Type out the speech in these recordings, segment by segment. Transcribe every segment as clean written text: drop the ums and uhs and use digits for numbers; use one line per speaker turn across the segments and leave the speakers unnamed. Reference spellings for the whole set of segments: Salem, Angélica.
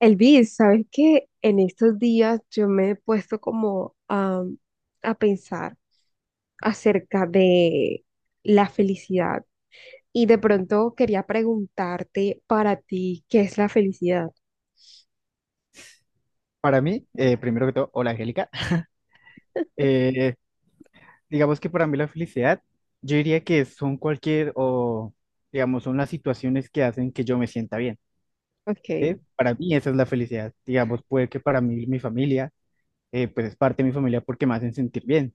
Elvis, ¿sabes qué? En estos días yo me he puesto como a pensar acerca de la felicidad y de pronto quería preguntarte, para ti, ¿qué es la felicidad?
Para mí, primero que todo, hola Angélica. Eh, digamos que para mí la felicidad, yo diría que son cualquier o, digamos, son las situaciones que hacen que yo me sienta bien, ¿sí?
Okay,
Para mí esa es la felicidad. Digamos, puede que para mí mi familia, pues es parte de mi familia porque me hacen sentir bien.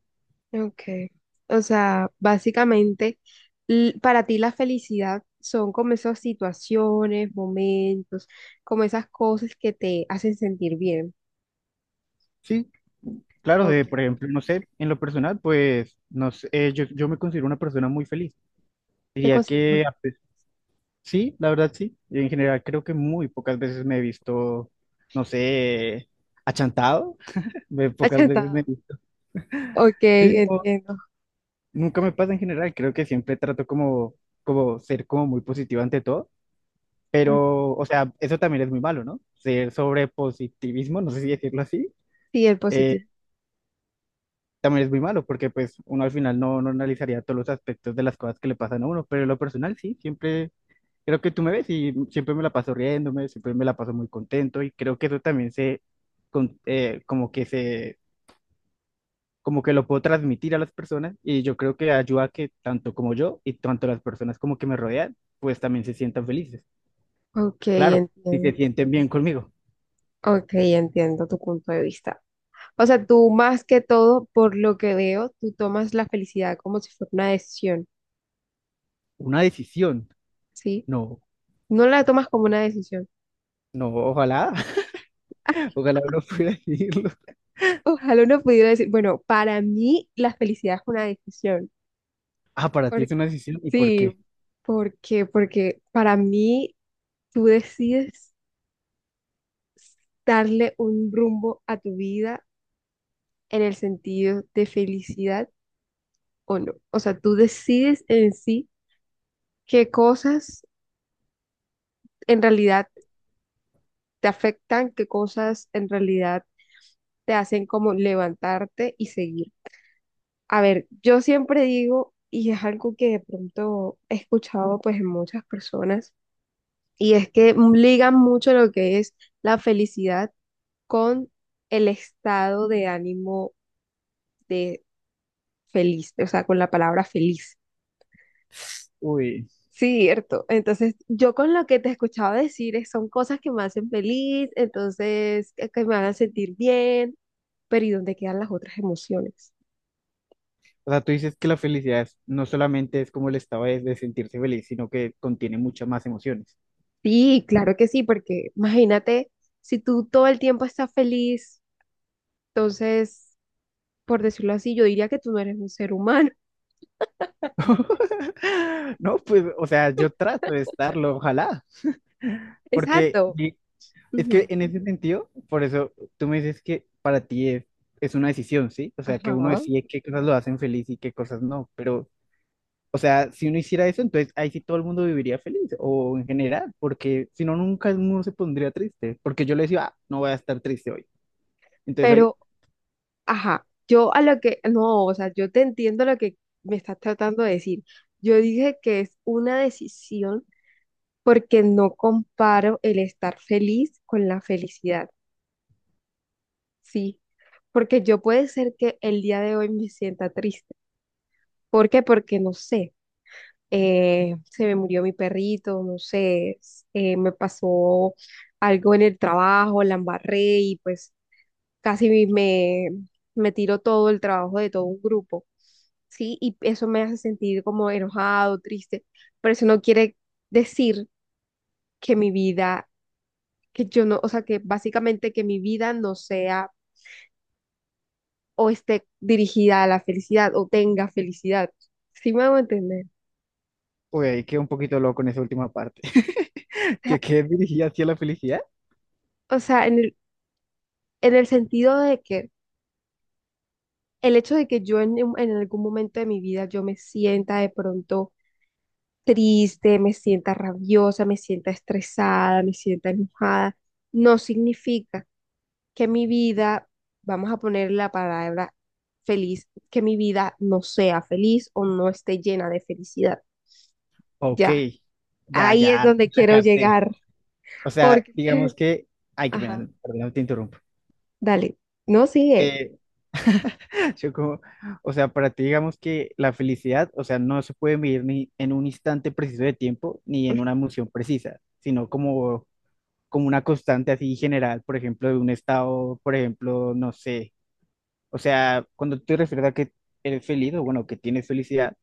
okay. O sea, básicamente, para ti la felicidad son como esas situaciones, momentos, como esas cosas que te hacen sentir bien.
Sí, claro, de,
Okay.
por ejemplo, no sé, en lo personal, pues, no sé, yo me considero una persona muy feliz.
¿Te
Diría
consideras
que
una-
sí, la verdad sí. En general creo que muy pocas veces me he visto, no sé, achantado ve pocas veces me...
acertado? Ok,
Sí, no,
entiendo.
nunca me pasa en general, creo que siempre trato como, como ser como muy positivo ante todo,
Ok,
pero, o sea, eso también es muy malo, ¿no? Ser sobre positivismo, no sé si decirlo así,
sí, el
eh,
positivo.
también es muy malo, porque pues uno al final no analizaría todos los aspectos de las cosas que le pasan a uno, pero en lo personal sí, siempre, creo que tú me ves y siempre me la paso riéndome, siempre me la paso muy contento y creo que eso también se, con- eh, como que como que lo puedo transmitir a las personas y yo creo que ayuda a que tanto como yo y tanto las personas como que me rodean, pues también se sientan felices.
Ok,
Claro, si se
entiendo.
sienten bien conmigo.
Ok, entiendo tu punto de vista. O sea, tú más que todo, por lo que veo, tú tomas la felicidad como si fuera una decisión,
Una decisión.
¿sí?
No,
No la tomas como una decisión.
no, ojalá, ojalá uno pudiera decirlo.
Ojalá uno pudiera decir, bueno, para mí la felicidad es una decisión.
Ah, para ti
Por-
es una decisión. ¿Y por
sí,
qué?
porque, porque para mí tú decides darle un rumbo a tu vida en el sentido de felicidad o no. O sea, tú decides en sí qué cosas en realidad te afectan, qué cosas en realidad te hacen como levantarte y seguir. A ver, yo siempre digo, y es algo que de pronto he escuchado pues en muchas personas, y es que ligan mucho lo que es la felicidad con el estado de ánimo de feliz, o sea, con la palabra feliz.
Uy,
Cierto. Entonces, yo con lo que te escuchaba decir es- son cosas que me hacen feliz, entonces, que me hagan sentir bien, pero ¿y dónde quedan las otras emociones?
o sea, tú dices que la felicidad es- no solamente es como el estado de sentirse feliz, sino que contiene muchas más emociones.
Sí, claro que sí, porque imagínate, si tú todo el tiempo estás feliz, entonces, por decirlo así, yo diría que tú no eres un ser humano.
No, pues, o sea, yo trato de estarlo, ojalá, porque
Exacto.
es que
Ujú.
en ese sentido, por eso tú me dices que para ti es una decisión, ¿sí? O sea, que uno
Ajá.
decide qué cosas lo hacen feliz y qué cosas no, pero, o sea, si uno hiciera eso, entonces ahí sí todo el mundo viviría feliz, o en general, porque si no, nunca uno se pondría triste, porque yo le decía, ah, no voy a estar triste hoy. Entonces hoy,
Pero, ajá, yo a lo que, no, o sea, yo te entiendo lo que me estás tratando de decir. Yo dije que es una decisión porque no comparo el estar feliz con la felicidad, sí, porque yo puede ser que el día de hoy me sienta triste. ¿Por qué? Porque no sé, se me murió mi perrito, no sé, me pasó algo en el trabajo, la embarré y pues casi me, me tiró todo el trabajo de todo un grupo, sí, y eso me hace sentir como enojado, triste, pero eso no quiere decir que mi vida que yo no, o sea, que básicamente que mi vida no sea o esté dirigida a la felicidad o tenga felicidad. ¿Sí me hago entender?
hoy ahí quedé un poquito loco en esa última parte,
O sea,
que quedé dirigida hacia la felicidad.
o sea, en el sentido de que el hecho de que yo en, en algún momento de mi vida yo me sienta de pronto triste, me sienta rabiosa, me sienta estresada, me sienta enojada, no significa que mi vida, vamos a poner la palabra feliz, que mi vida no sea feliz o no esté llena de felicidad.
Ok,
Ya,
ya,
ahí es
ya,
donde
la
quiero
capté.
llegar,
O sea,
porque,
digamos que, ay, qué
ajá,
pena, perdón, te interrumpo.
dale, no sigue,
Eh, Yo como, o sea, para ti digamos que la felicidad, o sea, no se puede medir ni en un instante preciso de tiempo ni en una emoción precisa, sino como, como una constante así general, por ejemplo, de un estado, por ejemplo, no sé, o sea, cuando tú te refieres a que eres feliz o bueno, que tienes felicidad,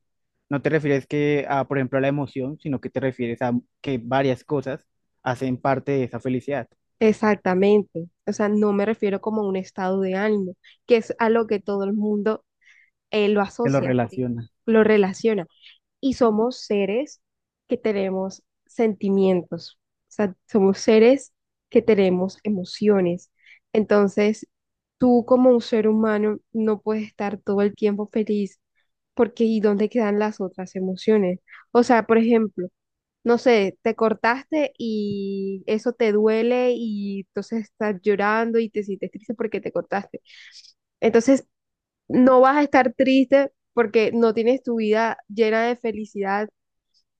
no te refieres que a, por ejemplo, a la emoción, sino que te refieres a que varias cosas hacen parte de esa felicidad,
exactamente. O sea, no me refiero como a un estado de ánimo, que es a lo que todo el mundo lo
que lo
asocia, ¿sí?
relaciona.
Lo relaciona. Y somos seres que tenemos sentimientos, o sea, somos seres que tenemos emociones. Entonces, tú como un ser humano no puedes estar todo el tiempo feliz porque ¿y dónde quedan las otras emociones? O sea, por ejemplo, no sé, te cortaste y eso te duele y entonces estás llorando y te sientes triste porque te cortaste. Entonces, no vas a estar triste porque no tienes tu vida llena de felicidad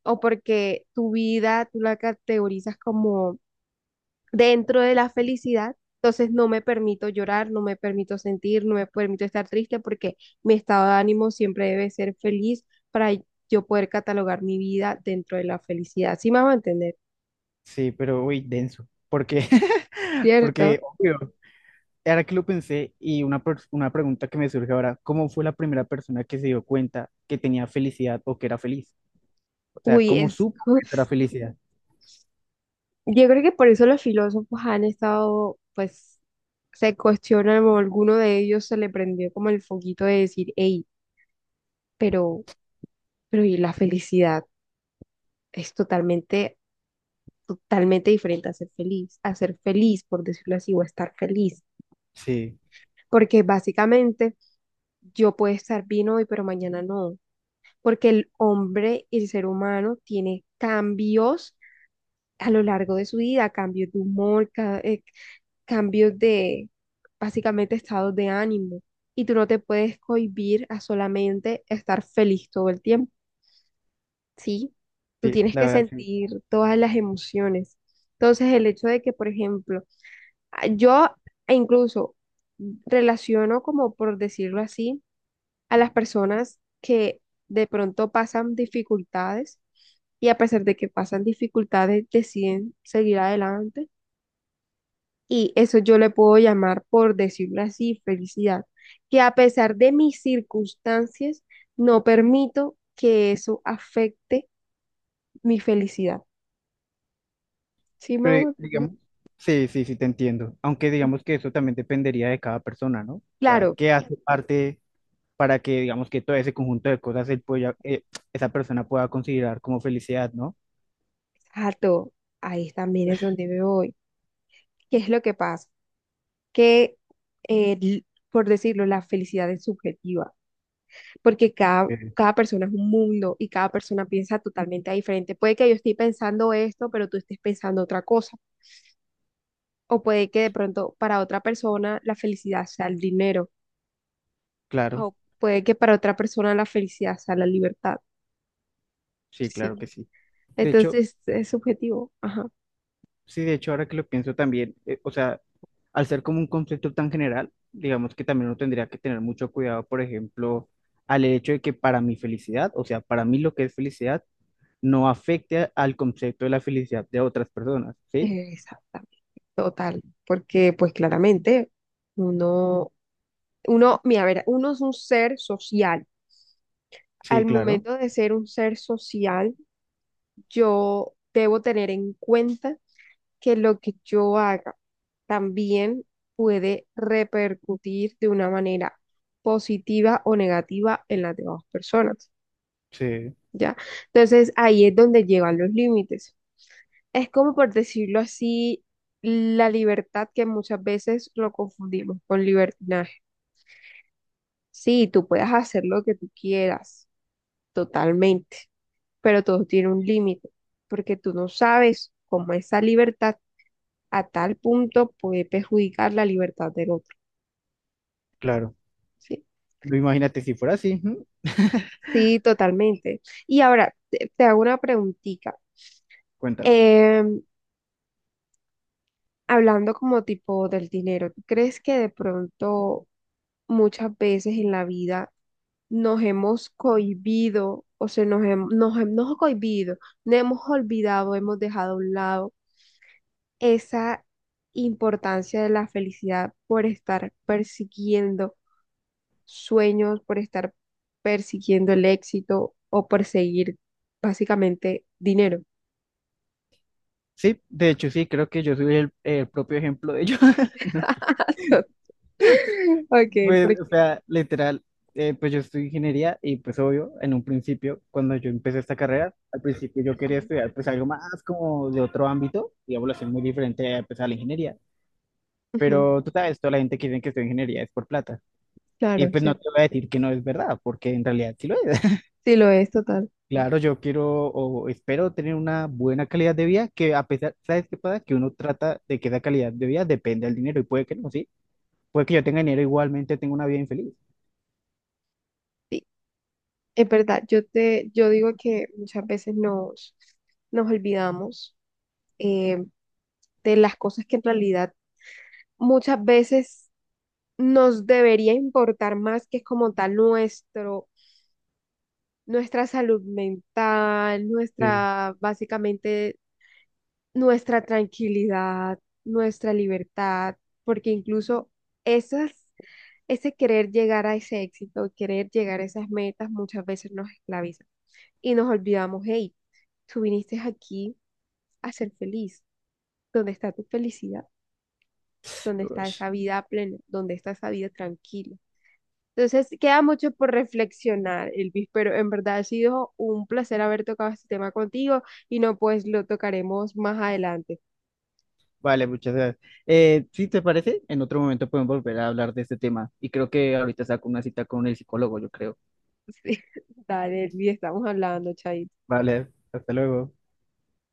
o porque tu vida tú la categorizas como dentro de la felicidad. Entonces no me permito llorar, no me permito sentir, no me permito estar triste porque mi estado de ánimo siempre debe ser feliz para yo poder catalogar mi vida dentro de la felicidad. ¿Sí me va a entender?
Sí, pero uy, denso, porque,
¿Cierto?
porque, obvio. Ahora que lo pensé, y una, una pregunta que me surge ahora, ¿cómo fue la primera persona que se dio cuenta que tenía felicidad o que era feliz? O sea,
Uy,
¿cómo
es...
supo que era felicidad?
Yo creo que por eso los filósofos han estado, pues, se cuestionan, o alguno de ellos se le prendió como el foquito de decir, hey, pero, pero y la felicidad es totalmente diferente a ser feliz, por decirlo así, o a estar feliz.
Sí,
Porque básicamente yo puedo estar bien hoy, pero mañana no. Porque el hombre, el ser humano, tiene cambios a lo largo de su vida, cambios de humor, cambios de básicamente estados de ánimo. Y tú no te puedes cohibir a solamente estar feliz todo el tiempo, ¿sí? Tú
sí,
tienes
la
que
verdad sí.
sentir todas las emociones. Entonces, el hecho de que, por ejemplo, ah, yo e incluso relaciono, como por decirlo así, a las personas que de pronto pasan dificultades y a pesar de que pasan dificultades deciden seguir adelante. Y eso yo le puedo llamar, por decirlo así, felicidad. Que a pesar de mis circunstancias, no permito que eso afecte mi felicidad. ¿Sí me
Pero
hago entender?
digamos, Sí, te entiendo. Aunque digamos que eso también dependería de cada persona, ¿no? O sea,
Claro,
¿qué hace parte para que digamos que todo ese conjunto de cosas él pueda, esa persona pueda considerar como felicidad, ¿no?
exacto. Ahí también es donde me voy. ¿Qué es lo que pasa? Que, eh, por decirlo, la felicidad es subjetiva, porque cada,
Eh,
cada persona es un mundo y cada persona piensa totalmente diferente. Puede que yo esté pensando esto, pero tú estés pensando otra cosa. O puede que de pronto para otra persona la felicidad sea el dinero.
claro,
O puede que para otra persona la felicidad sea la libertad.
sí, claro
Sí.
que sí. De hecho,
Entonces es subjetivo. Ajá.
sí, de hecho, ahora que lo pienso también, o sea, al ser como un concepto tan general, digamos que también uno tendría que tener mucho cuidado, por ejemplo, al hecho de que para mi felicidad, o sea, para mí lo que es felicidad, no afecte al concepto de la felicidad de otras personas, ¿sí?
Exactamente. Total. Porque pues claramente uno, uno, mira, a ver, uno es un ser social.
Sí,
Al
claro,
momento de ser un ser social, yo debo tener en cuenta que lo que yo haga también puede repercutir de una manera positiva o negativa en las demás personas,
sí,
¿ya? Entonces ahí es donde llegan los límites. Es como por decirlo así, la libertad, que muchas veces lo confundimos con libertinaje. Sí, tú puedes hacer lo que tú quieras totalmente, pero todo tiene un límite, porque tú no sabes cómo esa libertad a tal punto puede perjudicar la libertad del otro.
claro.
Sí,
Lo imagínate si fuera así, ujú.
sí, totalmente. Y ahora, te hago una preguntita.
Cuéntame.
Em, Hablando como tipo del dinero, ¿tú crees que de pronto muchas veces en la vida nos hemos cohibido, o sea, nos hemos cohibido, nos hemos olvidado, hemos dejado a un lado esa importancia de la felicidad por estar persiguiendo sueños, por estar persiguiendo el éxito o perseguir básicamente dinero?
Sí, de hecho sí, creo que yo soy el propio ejemplo de ello.
Ok,
Pues, o
porque
sea, literal, pues yo estudio ingeniería y pues obvio, en un principio, cuando yo empecé esta carrera, al principio yo quería
ujú,
estudiar pues algo más como de otro ámbito, digamos así, muy diferente pues, a la ingeniería.
ujú,
Pero tú sabes, toda la gente que dice que estudia ingeniería es por plata. Y
claro,
pues
sí,
no te voy a decir que no es verdad, porque en realidad sí lo es.
sí lo es total.
Claro, yo quiero o espero tener una buena calidad de vida, que a pesar, ¿sabes qué pasa? Que uno trata de que esa calidad de vida depende del dinero y puede que no, ¿sí? Puede que yo tenga dinero, igualmente tengo una vida infeliz.
Sí, es verdad, yo te, yo digo que muchas veces nos olvidamos eh, de las cosas que en realidad muchas veces nos debería importar más que como tal nuestro, nuestra salud mental,
Sí.
nuestra, básicamente, nuestra tranquilidad, nuestra libertad, porque incluso esas, ese querer llegar a ese éxito, querer llegar a esas metas muchas veces nos esclaviza y nos olvidamos, hey, tú viniste aquí a ser feliz, ¿dónde está tu felicidad? ¿Dónde está
Uy.
esa vida plena? ¿Dónde está esa vida tranquila? Entonces, queda mucho por reflexionar, Elvis, pero en verdad ha sido un placer haber tocado este tema contigo y no, pues lo tocaremos más adelante.
Vale, muchas gracias. Si te parece, en otro momento podemos volver a hablar de este tema. Y creo que ahorita saco una cita con el psicólogo, yo creo.
Sí. Dale, Elvis, estamos hablando, Chay.
Vale, hasta luego.